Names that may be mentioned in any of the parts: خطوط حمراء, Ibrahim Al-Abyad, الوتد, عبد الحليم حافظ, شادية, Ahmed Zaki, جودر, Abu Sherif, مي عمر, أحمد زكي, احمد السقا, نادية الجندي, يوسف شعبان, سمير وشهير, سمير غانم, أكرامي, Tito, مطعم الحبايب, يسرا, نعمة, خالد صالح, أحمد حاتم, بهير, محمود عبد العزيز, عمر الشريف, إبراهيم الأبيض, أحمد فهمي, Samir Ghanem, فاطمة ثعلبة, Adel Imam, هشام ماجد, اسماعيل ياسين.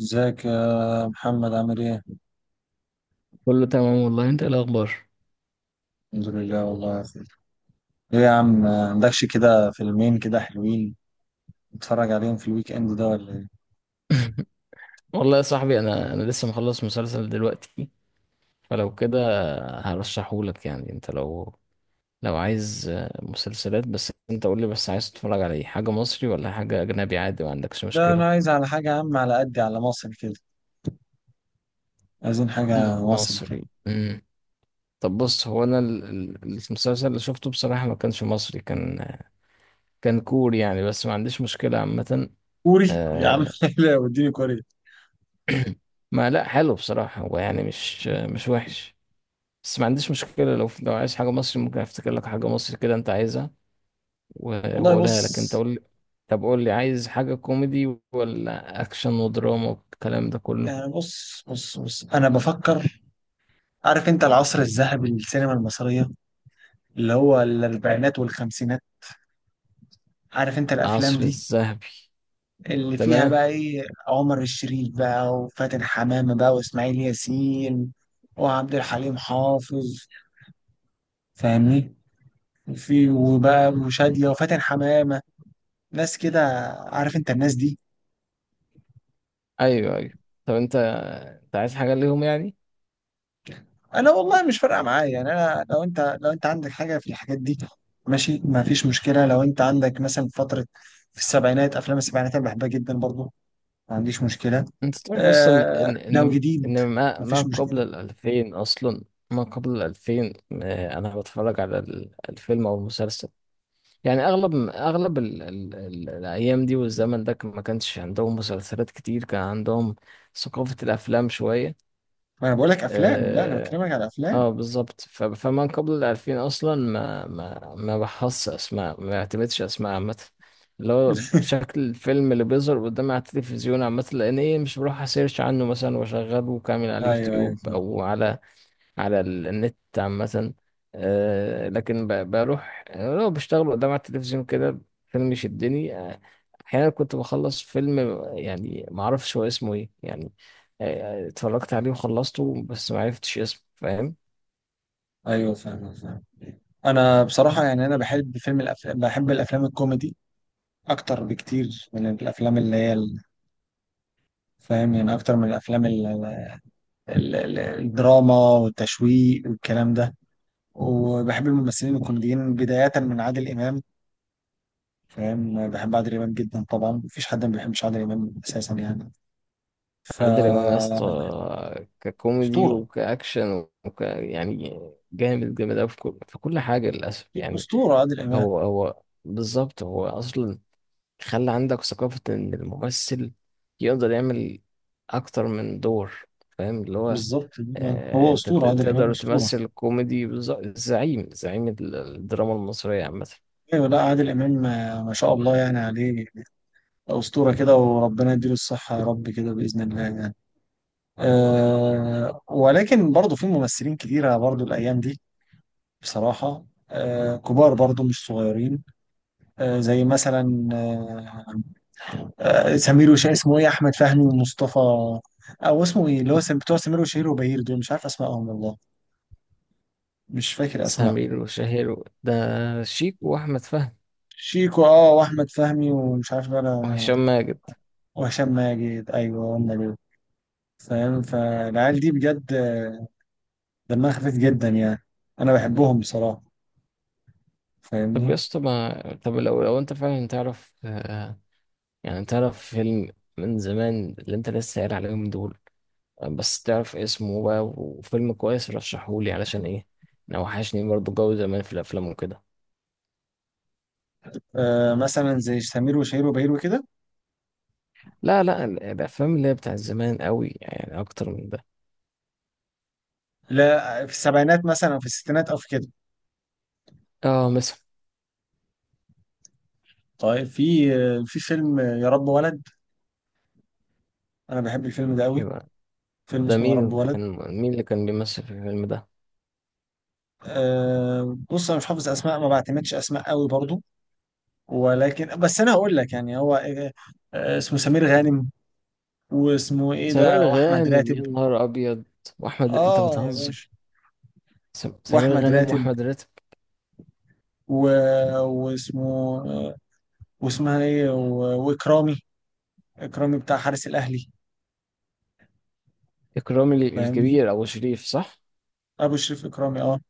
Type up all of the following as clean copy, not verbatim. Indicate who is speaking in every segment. Speaker 1: ازيك يا محمد، عامل ايه؟
Speaker 2: كله تمام والله، انت ايه الاخبار؟
Speaker 1: الحمد لله والله يا أخي. ايه يا عم ما عندكش كده فيلمين كده حلوين نتفرج عليهم في الويك اند ده ولا ايه؟
Speaker 2: والله يا صاحبي، انا لسه مخلص مسلسل دلوقتي، فلو كده هرشحهولك. يعني انت لو لو عايز مسلسلات، بس انت قول لي، بس عايز تتفرج على ايه؟ حاجه مصري ولا حاجه اجنبي؟ عادي ما عندكش
Speaker 1: لا انا
Speaker 2: مشكله.
Speaker 1: عايز على حاجة يا عم، على قدي، على مصر كده. عايزين حاجة مصر كده.
Speaker 2: مصري، طب بص، هو انا المسلسل اللي شفته بصراحه ما كانش مصري، كان كوري يعني، بس ما عنديش مشكله عامه.
Speaker 1: كوري يا عم؟
Speaker 2: آه،
Speaker 1: لا، وديني كوري.
Speaker 2: ما لا، حلو بصراحه، هو يعني مش وحش، بس ما عنديش مشكلة. لو لو عايز حاجة مصري ممكن افتكر لك حاجة مصري كده انت عايزها، و-
Speaker 1: والله
Speaker 2: واقولها لك. انت
Speaker 1: بص،
Speaker 2: قول لي، طب قول لي عايز حاجة كوميدي ولا اكشن ودراما والكلام ده كله؟
Speaker 1: يعني بص بص بص انا بفكر. عارف انت العصر الذهبي للسينما المصرية، اللي هو الاربعينات والخمسينات؟ عارف انت الافلام
Speaker 2: العصر
Speaker 1: دي
Speaker 2: الذهبي،
Speaker 1: اللي فيها
Speaker 2: تمام.
Speaker 1: بقى ايه؟ عمر الشريف بقى، وفاتن حمامة بقى، واسماعيل ياسين، وعبد الحليم حافظ، فاهمني، في وبقى وشادية وفاتن حمامة، ناس كده، عارف انت الناس دي؟
Speaker 2: ايوه ايوه. طب انت، انت عايز حاجة ليهم يعني؟
Speaker 1: انا والله مش فارقة معايا يعني، انا لو انت عندك حاجة في الحاجات دي ماشي، ما فيش مشكلة. لو انت عندك مثلا فترة في السبعينات، افلام السبعينات انا بحبها جدا برضو، ما عنديش مشكلة.
Speaker 2: انت تعرف اصلا
Speaker 1: آه،
Speaker 2: ان
Speaker 1: لو
Speaker 2: ان
Speaker 1: جديد
Speaker 2: ان ما
Speaker 1: ما
Speaker 2: ما
Speaker 1: فيش
Speaker 2: قبل
Speaker 1: مشكلة.
Speaker 2: الألفين اصلا، ما قبل الألفين، انا بتفرج على الفيلم او المسلسل، يعني اغلب ال ال ال الايام دي والزمن ده ما كانش عندهم مسلسلات كتير، كان عندهم ثقافة الافلام شوية.
Speaker 1: ما انا بقول لك افلام، لا انا
Speaker 2: اه,
Speaker 1: بكلمك على افلام.
Speaker 2: آه بالظبط، فمن قبل الالفين اصلا ما بحص اسماء، ما بعتمدش اسماء عامة، اللي هو شكل الفيلم اللي بيظهر قدامي على التلفزيون عامة، لان ايه، مش بروح اسيرش عنه مثلا واشغله كامل على
Speaker 1: ايوه ايوه،
Speaker 2: اليوتيوب
Speaker 1: فاهم.
Speaker 2: او على على النت عامة. آه، لكن بروح، يعني لو بشتغل قدام على التلفزيون كده فيلم يشدني، أحيانا كنت بخلص فيلم يعني معرفش هو اسمه إيه يعني. اتفرجت عليه وخلصته بس معرفتش اسمه، فاهم؟
Speaker 1: ايوه، فاهم فاهم. انا بصراحه يعني، انا بحب الأفلام، بحب الافلام الكوميدي اكتر بكتير من الافلام اللي هي فاهم يعني، اكتر من الافلام الدراما والتشويق والكلام ده. وبحب الممثلين الكوميديين بدايه من عادل امام. فاهم، بحب عادل امام جدا طبعا، مفيش حد ما بيحبش عادل امام اساسا يعني. ف
Speaker 2: عادل إمام يا اسطى، ككوميدي
Speaker 1: اسطوره،
Speaker 2: وكأكشن وك يعني، جامد أوي في كل حاجة للأسف يعني.
Speaker 1: اسطوره عادل امام.
Speaker 2: هو بالظبط، هو أصلا خلى عندك ثقافة إن الممثل يقدر يعمل أكتر من دور، فاهم اللي هو،
Speaker 1: بالظبط،
Speaker 2: آه
Speaker 1: هو
Speaker 2: أنت
Speaker 1: اسطوره عادل امام،
Speaker 2: تقدر
Speaker 1: اسطوره.
Speaker 2: تمثل كوميدي زعيم، زعيم الدراما المصرية عامة.
Speaker 1: ايوه، لا عادل امام، ما شاء الله يعني عليه. أسطورة كده، وربنا يديله الصحة يا رب كده بإذن الله يعني. ولكن برضه في ممثلين كتيرة برضه الأيام دي، بصراحة كبار برضه مش صغيرين. زي مثلا، سمير وشهير، اسمه إيه، أحمد فهمي ومصطفى. أو اسمه إيه اللي هو بتوع سمير وشهير وبهير، دول مش عارف أسمائهم والله، مش فاكر أسماء.
Speaker 2: سمير وشهير، ده شيك وأحمد فهمي،
Speaker 1: شيكو، وأحمد فهمي، ومش عارف بقى
Speaker 2: وهشام ماجد.
Speaker 1: وهشام ماجد، أيوه هم دول. فاهم، فالعيال دي بجد دمها خفيف جدا يعني. انا بحبهم بصراحه،
Speaker 2: طب يا
Speaker 1: فاهمني.
Speaker 2: اسطى، ما طب لو أنت فعلا تعرف، آه يعني تعرف فيلم من زمان اللي أنت لسه قايل عليهم دول، بس تعرف اسمه بقى وفيلم كويس رشحهولي، علشان ايه، انا وحشني برضه جو زمان في الافلام وكده.
Speaker 1: مثلا زي سمير وشهير وبهير وكده.
Speaker 2: لا لا، الافلام اللي هي بتاع زمان قوي يعني، اكتر من ده.
Speaker 1: لا، في السبعينات مثلا، أو في الستينات، او في كده.
Speaker 2: اه مثلا.
Speaker 1: طيب، في في فيلم يا رب ولد. انا بحب الفيلم ده قوي.
Speaker 2: يبقى
Speaker 1: فيلم
Speaker 2: ده
Speaker 1: اسمه يا
Speaker 2: مين
Speaker 1: رب ولد.
Speaker 2: كان؟ مين اللي كان بيمثل في الفيلم ده؟
Speaker 1: بص، انا مش حافظ اسماء، ما بعتمدش اسماء قوي برضو. ولكن بس انا هقول لك يعني، هو اسمه سمير غانم. واسمه ايه
Speaker 2: سمير
Speaker 1: ده، واحمد
Speaker 2: غانم؟ يا
Speaker 1: راتب.
Speaker 2: نهار ابيض! واحمد، انت
Speaker 1: اه يا
Speaker 2: بتهزر!
Speaker 1: باشا.
Speaker 2: سمير
Speaker 1: واحمد
Speaker 2: غانم
Speaker 1: راتب،
Speaker 2: واحمد راتب؟
Speaker 1: و... واسمه آه، واسمها ايه، واكرامي. اكرامي بتاع حارس الاهلي،
Speaker 2: اكرامي
Speaker 1: فاهمني،
Speaker 2: الكبير، ابو شريف، صح؟
Speaker 1: ابو شريف اكرامي، اه،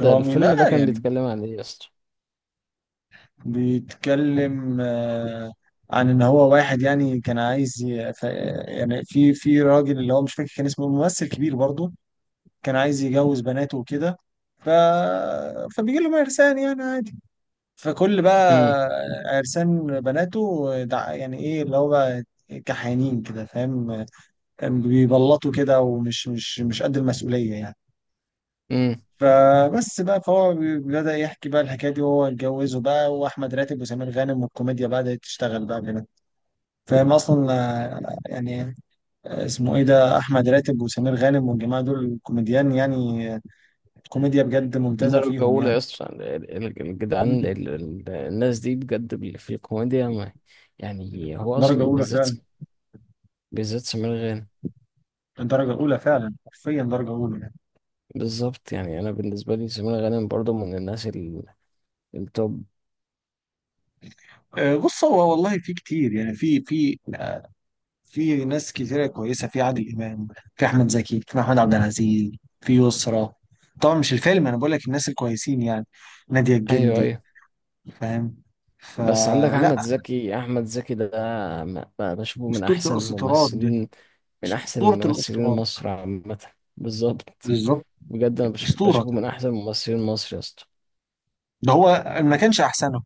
Speaker 2: ده الفيلم ده
Speaker 1: لا
Speaker 2: كان
Speaker 1: يعني.
Speaker 2: بيتكلم عن ايه يا اسطى؟
Speaker 1: بيتكلم عن ان هو واحد، يعني كان عايز يعني في راجل اللي هو مش فاكر كان اسمه، ممثل كبير برضه، كان عايز يجوز بناته وكده. ف... فبيجي لهم عرسان يعني عادي. فكل بقى
Speaker 2: امم
Speaker 1: عرسان بناته يعني ايه اللي هو بقى، كحيانين كده، فاهم، بيبلطوا كده ومش مش مش قد المسؤولية يعني.
Speaker 2: امم.
Speaker 1: فبس بقى، فهو بدأ يحكي بقى الحكاية دي، وهو اتجوزه بقى، وأحمد راتب وسمير غانم والكوميديا بدأت تشتغل بقى كده. فاهم أصلا، يعني اسمه إيه ده، أحمد راتب وسمير غانم والجماعة دول كوميديان يعني. آه، كوميديا بجد ممتازة
Speaker 2: درجة
Speaker 1: فيهم
Speaker 2: أولى يا
Speaker 1: يعني.
Speaker 2: اسطى، الجدعان الناس دي بجد، في الكوميديا ما، يعني هو
Speaker 1: درجة
Speaker 2: أصلا
Speaker 1: أولى
Speaker 2: بالذات،
Speaker 1: فعلا.
Speaker 2: بالذات سمير غانم.
Speaker 1: درجة أولى فعلا، حرفيا درجة أولى يعني.
Speaker 2: بالظبط، يعني أنا بالنسبة لي سمير غانم برضه من الناس التوب.
Speaker 1: بص، هو والله في كتير يعني، في في ناس كتيرة كويسة، في عادل إمام، في أحمد زكي، في محمود عبد العزيز، في يسرا. طبعا مش الفيلم، أنا بقول لك الناس الكويسين يعني، نادية
Speaker 2: أيوه
Speaker 1: الجندي،
Speaker 2: أيوه.
Speaker 1: فاهم.
Speaker 2: بس عندك
Speaker 1: فلا،
Speaker 2: أحمد زكي، أحمد زكي ده بشوفه من
Speaker 1: أسطورة
Speaker 2: أحسن
Speaker 1: الأسطورات ده.
Speaker 2: الممثلين، من أحسن
Speaker 1: أسطورة
Speaker 2: الممثلين
Speaker 1: الأسطورات،
Speaker 2: مصر عامة. بالظبط.
Speaker 1: بالظبط.
Speaker 2: بجد أنا
Speaker 1: أسطورة،
Speaker 2: بشوفه من أحسن ممثلين مصر يا اسطى.
Speaker 1: ده هو، ما كانش أحسنه.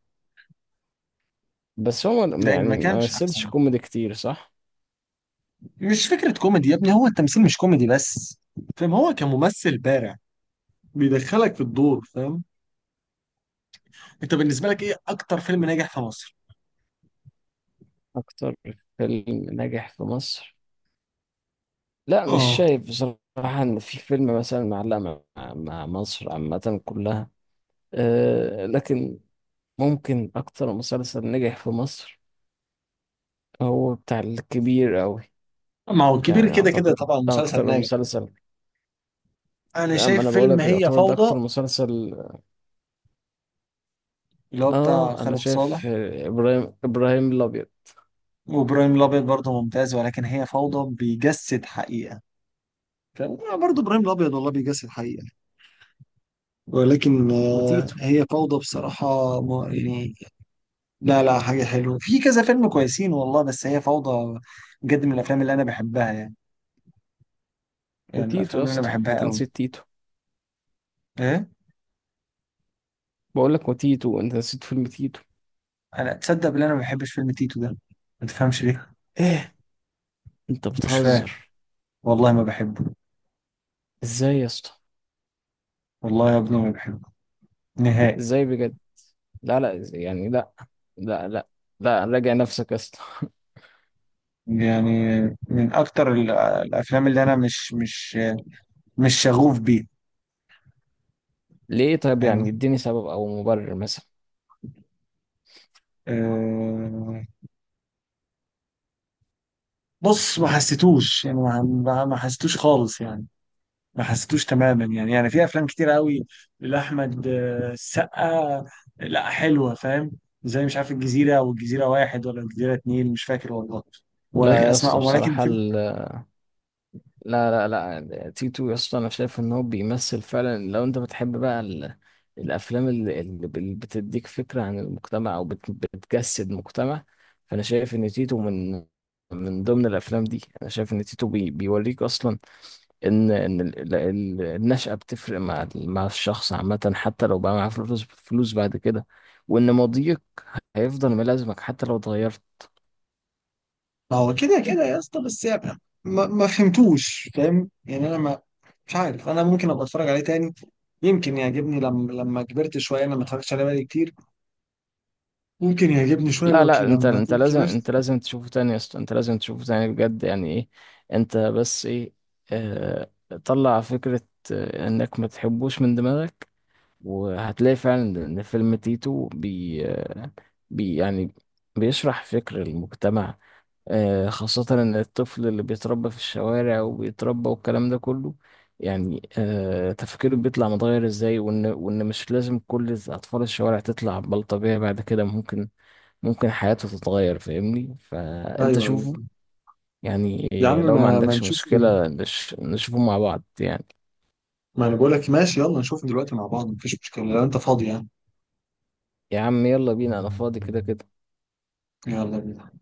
Speaker 2: بس هو ما،
Speaker 1: ده ما
Speaker 2: يعني ما
Speaker 1: كانش
Speaker 2: مثلش
Speaker 1: أحسنه.
Speaker 2: كوميدي كتير، صح؟
Speaker 1: مش فكرة كوميدي يا ابني، هو التمثيل مش كوميدي بس، فاهم، هو كممثل بارع، بيدخلك في الدور، فاهم. أنت بالنسبة لك إيه أكتر فيلم ناجح في مصر؟
Speaker 2: أكتر فيلم ناجح في مصر؟ لا مش
Speaker 1: اه.
Speaker 2: شايف بصراحة إن في فيلم مثلا معلق مع، مع مصر عامة كلها، أه لكن ممكن أكتر مسلسل نجح في مصر هو بتاع الكبير أوي،
Speaker 1: ما هو الكبير
Speaker 2: يعني
Speaker 1: كده كده
Speaker 2: أعتقد
Speaker 1: طبعا
Speaker 2: ده
Speaker 1: مسلسل
Speaker 2: أكتر
Speaker 1: ناجح.
Speaker 2: مسلسل.
Speaker 1: انا
Speaker 2: أما
Speaker 1: شايف
Speaker 2: أنا
Speaker 1: فيلم
Speaker 2: بقولك
Speaker 1: هي
Speaker 2: يعتبر ده
Speaker 1: فوضى،
Speaker 2: أكتر مسلسل.
Speaker 1: اللي هو بتاع
Speaker 2: آه أنا
Speaker 1: خالد
Speaker 2: شايف،
Speaker 1: صالح.
Speaker 2: آه، إبراهيم إبراهيم الأبيض.
Speaker 1: وابراهيم الابيض برضه ممتاز، ولكن هي فوضى بيجسد حقيقة، فاهم؟ برضه ابراهيم الابيض والله بيجسد حقيقة، ولكن
Speaker 2: وتيتو،
Speaker 1: هي فوضى بصراحة. يعني لا لا، حاجة حلوة في كذا فيلم كويسين والله، بس هي فوضى بجد من الافلام اللي انا بحبها يعني، يعني
Speaker 2: وتيتو
Speaker 1: الافلام
Speaker 2: يا
Speaker 1: اللي انا
Speaker 2: اسطى،
Speaker 1: بحبها
Speaker 2: أنت
Speaker 1: قوي.
Speaker 2: نسيت تيتو.
Speaker 1: ايه؟
Speaker 2: بقولك وتيتو، أنت نسيت فيلم تيتو.
Speaker 1: انا تصدق ان انا ما بحبش فيلم تيتو ده، ما تفهمش ليه.
Speaker 2: إيه؟ أنت
Speaker 1: مش فاهم،
Speaker 2: بتهزر؟
Speaker 1: والله ما بحبه.
Speaker 2: إزاي يا اسطى؟
Speaker 1: والله يا ابني ما بحبه، نهائي.
Speaker 2: ازاي بجد؟ لا لا، يعني لا، لا لا، لا، راجع نفسك يا اسطى.
Speaker 1: يعني من اكتر الافلام اللي انا مش شغوف بيه،
Speaker 2: ليه طيب؟
Speaker 1: فاهمني.
Speaker 2: يعني اديني سبب او مبرر مثلا.
Speaker 1: أه، بص، ما حسيتوش يعني، ما ما حسيتوش خالص يعني، ما حسيتوش تماما يعني. في افلام كتير قوي لاحمد السقا، لا حلوه، فاهم؟ زي مش عارف، الجزيره والجزيره واحد ولا الجزيره اتنين، مش فاكر والله، ولكن
Speaker 2: لا يا اسطى،
Speaker 1: اسماء، ولكن
Speaker 2: بصراحة
Speaker 1: فيلم.
Speaker 2: ال... لا لا، لا تيتو يا اسطى، انا شايف ان هو بيمثل فعلا. لو انت بتحب بقى ال... الافلام اللي، اللي بتديك فكرة عن المجتمع او بت... بتجسد مجتمع، فانا شايف ان تيتو من، من ضمن الافلام دي. انا شايف ان تيتو بي... بيوريك اصلا ان ان النشأة بتفرق مع مع الشخص عامة، حتى لو بقى معاه فلوس، فلوس بعد كده، وان ماضيك هيفضل ملازمك حتى لو اتغيرت.
Speaker 1: ما هو كده كده يا اسطى، بس يعني ما فهمتوش، فاهم يعني، انا ما مش عارف، انا ممكن ابقى اتفرج عليه تاني، يمكن يعجبني لما كبرت شويه، انا ما اتفرجتش عليه بقالي كتير، ممكن يعجبني شويه
Speaker 2: لا
Speaker 1: لو
Speaker 2: لا، انت
Speaker 1: لما
Speaker 2: انت
Speaker 1: اكون
Speaker 2: لازم،
Speaker 1: كبرت.
Speaker 2: انت لازم تشوفه تاني يا اسطى، انت لازم تشوفه تاني بجد، يعني ايه؟ انت بس ايه، اه، طلع فكرة، آه، انك ما تحبوش من دماغك، وهتلاقي فعلا ان فيلم تيتو بي, آه، بي يعني بيشرح فكر المجتمع. آه، خاصة إن الطفل اللي بيتربى في الشوارع وبيتربى والكلام ده كله، يعني آه، تفكيره بيطلع متغير إزاي، وإن مش لازم كل أطفال الشوارع تطلع بلطجية بعد كده، ممكن، ممكن حياته تتغير، فاهمني؟ فأنت
Speaker 1: ايوه ايوه،
Speaker 2: شوفه يعني،
Speaker 1: يا عم
Speaker 2: لو ما
Speaker 1: ما
Speaker 2: عندكش
Speaker 1: نشوفه.
Speaker 2: مشكلة نشوفه مع بعض يعني.
Speaker 1: ما انا بقول لك ماشي، يلا نشوفه دلوقتي مع بعض، مفيش مشكله لو انت فاضي يعني.
Speaker 2: يا عم يلا بينا، أنا فاضي كده كده.
Speaker 1: يلا بينا.